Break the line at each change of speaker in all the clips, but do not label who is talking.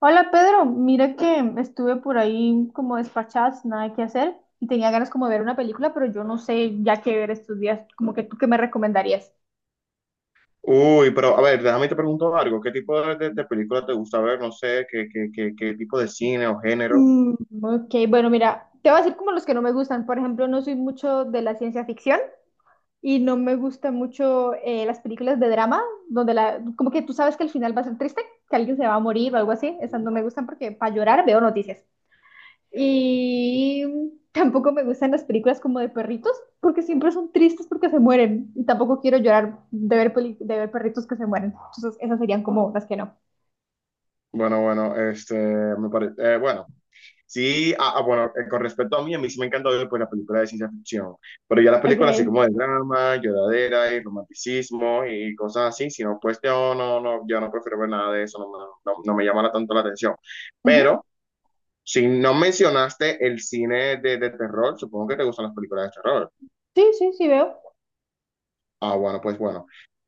Hola Pedro, mira que estuve por ahí como despachada, sin nada que hacer y tenía ganas como de ver una película, pero yo no sé ya qué ver estos días, como que tú qué me recomendarías.
Uy, pero a ver, déjame te pregunto algo. ¿Qué tipo de película te gusta ver? No sé, ¿qué tipo de cine o género?
Mm, ok, bueno, mira, te voy a decir como los que no me gustan. Por ejemplo, no soy mucho de la ciencia ficción y no me gustan mucho las películas de drama, donde como que tú sabes que el final va a ser triste, que alguien se va a morir o algo así. Esas no
Ujú.
me gustan porque para llorar veo noticias. Y tampoco me gustan las películas como de perritos, porque siempre son tristes porque se mueren. Y tampoco quiero llorar de ver perritos que se mueren. Entonces, esas serían como las que no.
Bueno, me parece, bueno, sí, bueno, con respecto a mí sí me encanta ver pues, la película de ciencia ficción, pero ya las películas así
Ok.
como de drama, lloradera y romanticismo y cosas así, si no, pues yo no prefiero ver nada de eso, no, no, no me llama tanto la atención.
Ujú.
Pero, si no mencionaste el cine de terror, supongo que te gustan las películas de terror.
Sí, sí, sí veo.
Ah, bueno, pues bueno.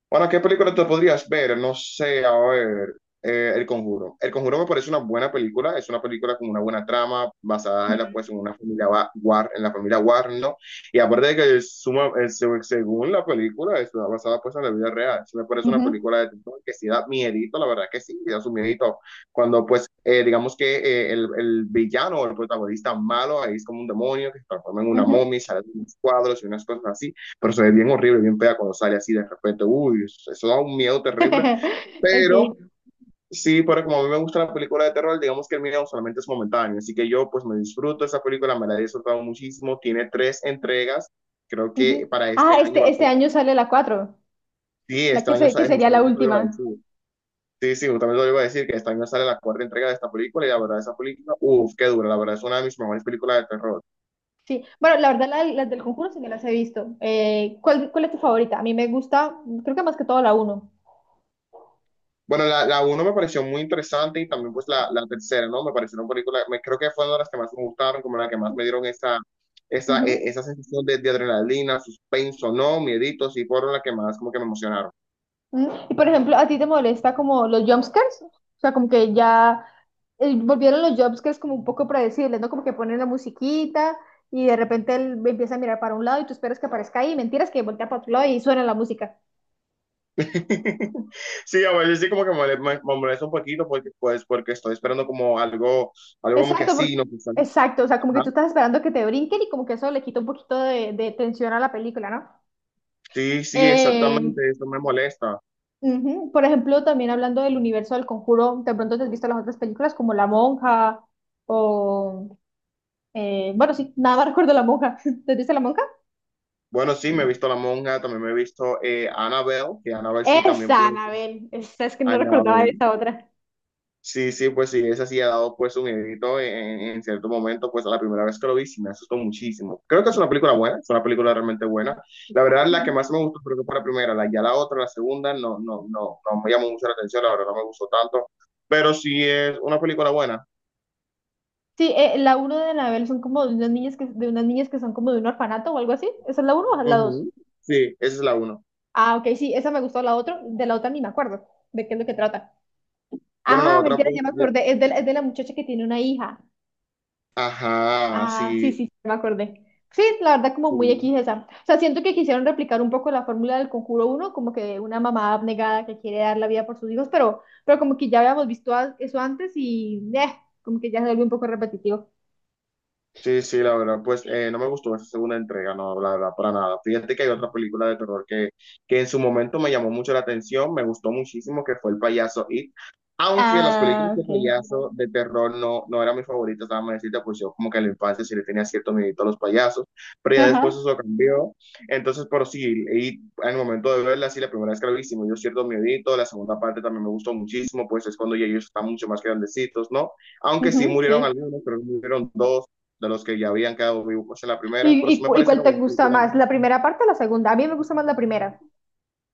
Bueno, ¿qué película te podrías ver? No sé, a ver, El Conjuro. El Conjuro me parece una buena película, es una película con una buena trama, basada en la, pues,
Mm.
en una familia War, en la familia Warren, ¿no? Y aparte de que es suma, según la película, es basada pues en la vida real. Sí me parece una
Ujú,
película de terror que sí da miedito, la verdad que sí, da su miedito. Cuando pues, digamos que el villano o el protagonista malo ahí es como un demonio que se transforma en una
ujú.
momia, y sale de unos cuadros y unas cosas así, pero se ve bien horrible, bien fea cuando sale así de repente. Uy, eso da un miedo terrible. Pero
Okay.
sí, pero como a mí me gusta la película de terror, digamos que el miedo solamente es momentáneo. Así que yo pues me disfruto esa película, me la he disfrutado muchísimo. Tiene tres entregas. Creo que
Ujú.
para este
Ah,
año va
este,
a
este
ser,
año sale la cuatro,
sí,
la
este
que,
año
se- que
sale,
sería la
justamente lo iba a
última.
decir. Sí, sí, justamente lo iba a decir, que este año sale la cuarta entrega de esta película y la verdad esa película, uff, qué dura, la verdad es una de mis mejores películas de terror.
Sí, bueno, la verdad las del Conjuro sí me las he visto. ¿Cuál es tu favorita? A mí me gusta, creo que más que todo la uno.
Bueno, la uno me pareció muy interesante y también pues la tercera, ¿no? Me parecieron películas, me, creo que fue una de las que más me gustaron, como la que más me dieron esa, esa, esa sensación de adrenalina, suspenso, ¿no? Mieditos y fueron las que más como que me emocionaron.
Y por ejemplo, ¿a ti te molesta como los jumpscares? O sea, como que ya volvieron los jumpscares como un poco predecibles, ¿no? Como que ponen la musiquita y de repente él empieza a mirar para un lado y tú esperas que aparezca ahí, mentiras que voltea para otro lado y suena la música.
Sí, a veces sí como que me molesta un poquito porque, pues, porque estoy esperando como algo, algo como que
Exacto, porque-
así, ¿no? Que sal-
exacto, o sea, como que
Ajá.
tú estás esperando que te brinquen y como que eso le quita un poquito de tensión a la película, ¿no?
Sí, sí,
Eh,
exactamente, eso me molesta.
Ujú. Por ejemplo, también hablando del universo del Conjuro, de pronto te has visto las otras películas como La Monja o... Bueno, sí, nada más recuerdo La Monja. ¿Te dice la monja?
Bueno, sí, me he visto La Monja, también me he visto Annabelle, que Annabelle sí también
Esa,
puede.
Anabel. Esa, es que no recordaba esa otra.
Sí, sí, pues sí, esa sí ha dado pues un edito en cierto momento, pues a la primera vez que lo vi sí me asustó muchísimo. Creo que es una película buena, es una película realmente buena. La verdad, la que
Ujú.
más me gustó creo que fue la primera, la, ya la otra, la segunda, no, no, no, no me llamó mucho la atención, la verdad no me gustó tanto, pero sí es una película buena.
Sí, la uno de Anabel son como de unas niñas que son como de un orfanato o algo así. ¿Esa es la uno o es la dos?
Ujú. Sí, esa es la uno.
Ah, ok, sí, esa me gustó, de la otra ni me acuerdo de qué es lo que trata.
Bueno, la
Ah,
otra
mentira,
pues,
ya me
ya-
acordé, es de la muchacha que tiene una hija.
ajá,
Ah, sí,
sí,
sí, me acordé. Sí, la verdad como muy
sí.
X esa. O sea, siento que quisieron replicar un poco la fórmula del Conjuro uno, como que de una mamá abnegada que quiere dar la vida por sus hijos, pero como que ya habíamos visto eso antes y como que ya se vuelve un poco repetitivo.
Sí, sí, la verdad, pues no me gustó esa segunda entrega, no, la verdad, para nada. Fíjate que hay otra película de terror que en su momento me llamó mucho la atención, me gustó muchísimo, que fue El Payaso It. Aunque las películas
Ah,
de
ok.
payaso de terror no, no eran mis favoritas, déjame decirte, pues yo como que en la infancia sí le tenía cierto miedo a los payasos, pero ya después
Ajá,
eso cambió. Entonces, pero sí, y en el momento de verla, sí, la primera vez que la vi, sí me dio cierto miedito, la segunda parte también me gustó muchísimo, pues es cuando ya ellos están mucho más grandecitos, ¿no? Aunque sí
ujú,
murieron
sí.
algunos, pero murieron dos de los que ya habían quedado vivos en la primera,
¿Y,
pero sí
y,
me
cu- y cuál
parecieron
te
una
gusta
película.
más, la primera parte o la segunda? A mí me gusta más la primera.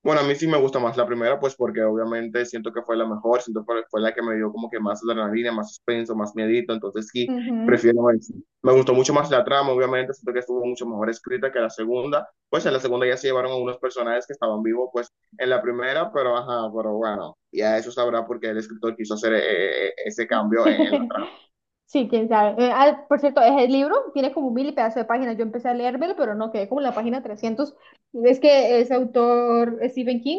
Bueno, a mí sí me gusta más la primera, pues porque obviamente siento que fue la mejor, siento que fue la que me dio como que más adrenalina, más suspenso, más miedito, entonces sí,
Ujú.
prefiero eso. Me gustó mucho más la trama, obviamente, siento que estuvo mucho mejor escrita que la segunda, pues en la segunda ya se llevaron a unos personajes que estaban vivos, pues en la primera, pero ajá, pero bueno, ya eso sabrá porque el escritor quiso hacer ese cambio en la trama.
Sí, quién sabe. Por cierto, es el libro, tiene como mil y pedazos de páginas. Yo empecé a leérmelo, pero no quedé como en la página 300. Es que ese autor, Stephen King,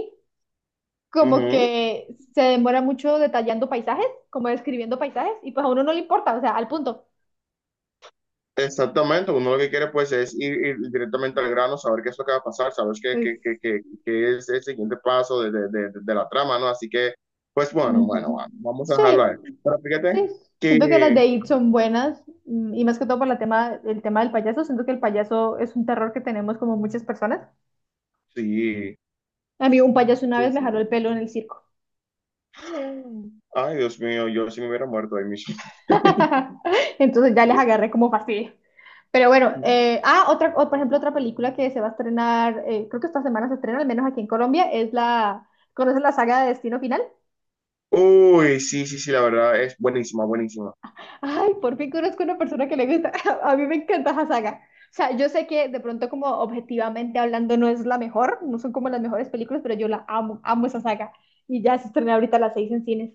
Uh
como
-huh.
que se demora mucho detallando paisajes, como describiendo paisajes, y pues a uno no le importa, o sea, al punto.
Exactamente, uno lo que quiere pues es ir, ir directamente al grano, saber qué es lo que va a pasar, saber
Pues,
qué es el siguiente paso de la trama, ¿no? Así que, pues bueno, bueno,
ujú.
bueno, vamos a dejarlo
Sí,
ahí. Pero
sí,
fíjate
siento que las
que
de It son buenas, y más que todo por la tema, el tema del payaso. Siento que el payaso es un terror que tenemos como muchas personas.
sí,
A mí un payaso una
sí,
vez me
sí.
jaló el pelo en el circo.
Ay, Dios mío, yo sí me hubiera muerto ahí mismo.
Entonces ya les agarré como fastidio. Pero bueno, otra, o, por ejemplo, otra película que se va a estrenar, creo que esta semana se estrena, al menos aquí en Colombia, es la, ¿conoces la saga de Destino Final?
Uy, sí, sí, sí, la verdad es buenísima, buenísima.
Ay, por fin conozco una persona que le gusta, a mí me encanta esa saga. O sea, yo sé que de pronto como objetivamente hablando no es la mejor, no son como las mejores películas, pero yo la amo, amo esa saga. Y ya se estrena ahorita a las 6 en cines.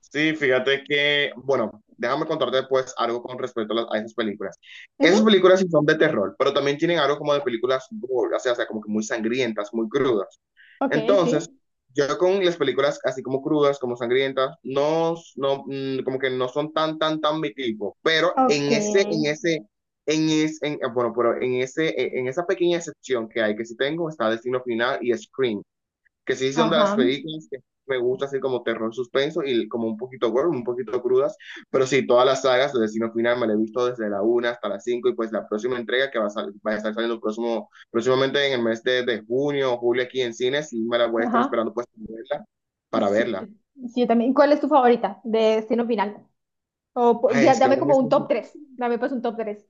Sí, fíjate que, bueno, déjame contarte después algo con respecto a, a esas películas. Esas
Ujú,
películas sí son de terror, pero también tienen algo como de películas gore, o sea, como que muy sangrientas, muy crudas.
Ok,
Entonces,
sí.
yo con las películas así como crudas, como sangrientas, no, no, mm, como que no son tan mi tipo, pero
Ok,
bueno, pero en ese, en esa pequeña excepción que hay, que sí tengo, está Destino Final y Scream, que sí son de las
ajá,
películas que me gusta así como terror suspenso y como un poquito gore, un poquito crudas, pero sí, todas las sagas de Destino Final me las he visto desde la una hasta la 5 y pues la próxima entrega que va a, sal- va a estar saliendo próximo, próximamente en el mes de junio o julio aquí en cines y me la voy a estar
ajá.
esperando pues para verla.
Sí,
Para verla.
sí, yo también. ¿Cuál es tu favorita de Destino Final? O po- di-
Ay, es que
dame
ahora
como un
mismo,
top
sí-
3. Dame pues un top 3.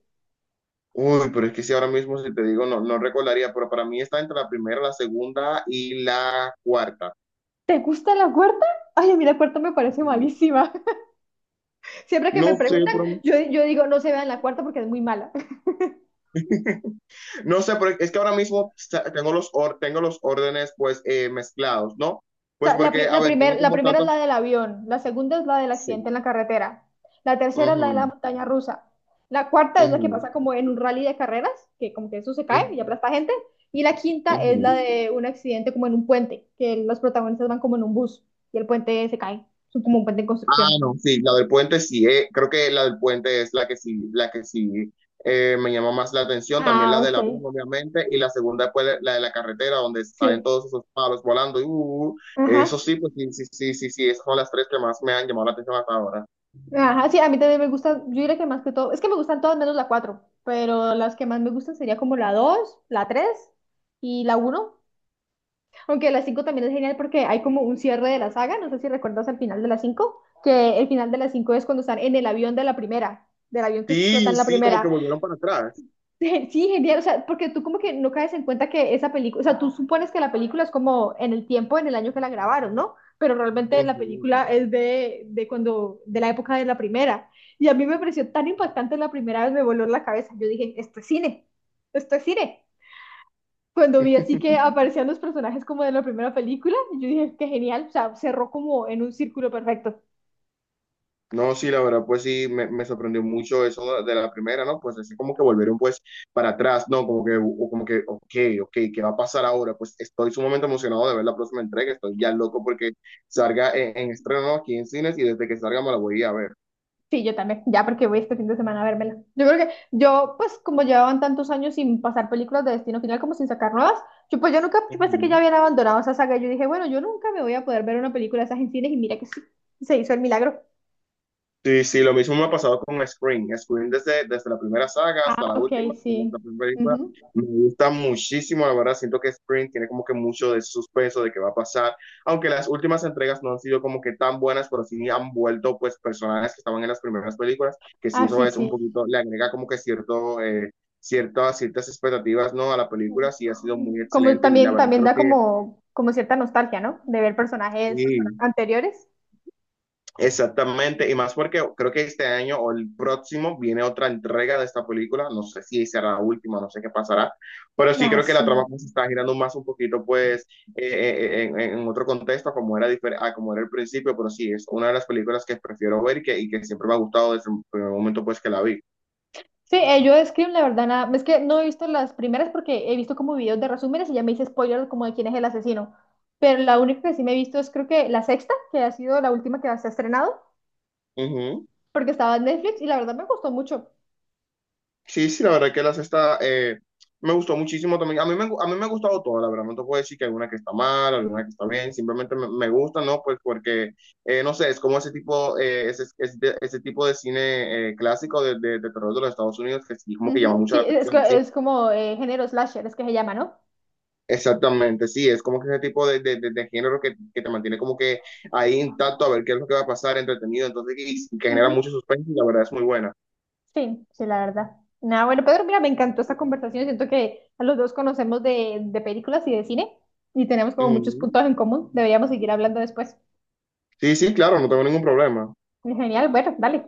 uy, pero es que si ahora mismo si te digo no, no recordaría, pero para mí está entre la primera, la segunda y la cuarta.
¿Te gusta la cuarta? Ay, a mí la cuarta me parece
Mm.
malísima. Siempre que
No
me
sé,
preguntan,
pero...
yo digo, no se vean la cuarta porque es muy mala.
No sé, pero es que ahora mismo tengo los, or- tengo los órdenes pues mezclados, ¿no?
O
Pues
sea, la,
porque,
pri-
a
la
ver, tengo
primer- la
como
primera es
tantas...
la del avión, la segunda es la del accidente
Sí.
en la carretera, la tercera es la de la
Ujú,
montaña rusa, la cuarta es la que
ujú,
pasa como en un rally de carreras, que como que eso se
ujú,
cae y aplasta gente, y la quinta es la
ujú.
de un accidente como en un puente, que los protagonistas van como en un bus y el puente se cae, es como un puente en
Ah,
construcción.
no, sí, la del puente sí, creo que la del puente es la que sí me llama más la atención, también la
Ah, ok,
del avión, obviamente, y la segunda pues la de la carretera, donde salen
sí.
todos esos palos volando, y, uh. Eso
Ajá,
sí, pues sí, sí, sí, sí, sí, esas son las tres que más me han llamado la atención hasta ahora.
ajá, sí, a mí también me gustan, yo diría que más que todo, es que me gustan todas menos la 4 pero las que más me gustan sería como la dos, la 3 y la uno. Aunque la 5 también es genial porque hay como un cierre de la saga, no sé si recuerdas al final de la 5 que el final de la 5 es cuando están en el avión de la primera, del avión que explota
Sí,
en la
sí, como que
primera.
volvieron para atrás.
Sí, genial, o sea, porque tú como que no caes en cuenta que esa película, o sea, tú supones que la película es como en el tiempo, en el año que la grabaron, ¿no? Pero realmente la
Ujú.
película es de cuando, de la época de la primera. Y a mí me pareció tan impactante la primera vez, me voló la cabeza. Yo dije, esto es cine, esto es cine. Cuando vi así que aparecían los personajes como de la primera película, yo dije, qué genial, o sea, cerró como en un círculo perfecto.
No, sí, la verdad, pues sí, me sorprendió mucho eso de la primera, ¿no? Pues así como que volvieron pues para atrás, ¿no? Como que, o como que, ok, ok, ¿qué va a pasar ahora? Pues estoy sumamente emocionado de ver la próxima entrega, estoy ya loco porque salga en estreno, ¿no? Aquí en cines y desde que salga me la voy a ir a ver.
Sí, yo también, ya porque voy este fin de semana a vérmela. Yo creo que yo, pues como llevaban tantos años sin pasar películas de Destino Final como sin sacar nuevas, yo pues yo nunca yo pensé que ya
Ujú.
habían abandonado esa saga. Yo dije, bueno, yo nunca me voy a poder ver una película de esas en cines y mira que sí, se hizo el milagro.
Sí, sí, lo mismo me ha pasado con Scream. Scream desde, desde la primera saga
Ah,
hasta la
Ok,
última, como esta
sí.
primera película,
Ujú.
me gusta muchísimo, la verdad. Siento que Scream tiene como que mucho de suspenso de qué va a pasar. Aunque las últimas entregas no han sido como que tan buenas, pero sí han vuelto pues personajes que estaban en las primeras películas, que sí
Ah,
eso
sí,
es un
sí.
poquito, le agrega como que cierto, ciertas, ciertas expectativas, ¿no? A la película, sí ha sido muy
Como
excelente y la
también,
verdad
también
creo
da
que
como cierta nostalgia, ¿no? De ver personajes
sí.
anteriores.
Exactamente, y más porque creo que este año o el próximo viene otra entrega de esta película, no sé si será la última, no sé qué pasará, pero sí
Ah,
creo que
sí.
la trama pues, se está girando más un poquito pues en otro contexto como era, difer- a como era el principio, pero sí, es una de las películas que prefiero ver y que siempre me ha gustado desde el primer momento pues que la vi.
Sí, yo de Scream, la verdad, nada. Es que no he visto las primeras porque he visto como videos de resúmenes y ya me hice spoiler como de quién es el asesino. Pero la única que sí me he visto es creo que la sexta, que ha sido la última que se ha estrenado,
Ujú.
porque estaba en Netflix y la verdad me gustó mucho.
Sí, sí, la verdad que la cesta me gustó muchísimo también. A mí me ha gustado toda, la verdad. No te puedo decir que hay una que está mal, alguna que está bien. Simplemente me, me gusta, ¿no? Pues porque, no sé, es como ese tipo, ese, ese, ese tipo de cine clásico de terror de los Estados Unidos que sí, como que llama
Ujú,
mucho
Sí,
la
es,
atención,
que-
sí.
es como género slasher, es que se llama, ¿no?
Exactamente, sí. Es como que ese tipo de género que te mantiene como que ahí intacto a ver qué es lo que va a pasar, entretenido. Entonces, y que genera mucho
Ujú,
suspenso y la verdad es muy buena.
Sí, sí, la verdad. Nada, bueno, Pedro, mira, me encantó esta conversación. Siento que a los dos conocemos de películas y de cine y tenemos como muchos
Ujú.
puntos en común. Deberíamos seguir hablando después.
Sí, sí, claro, no tengo ningún problema.
Genial, bueno, dale.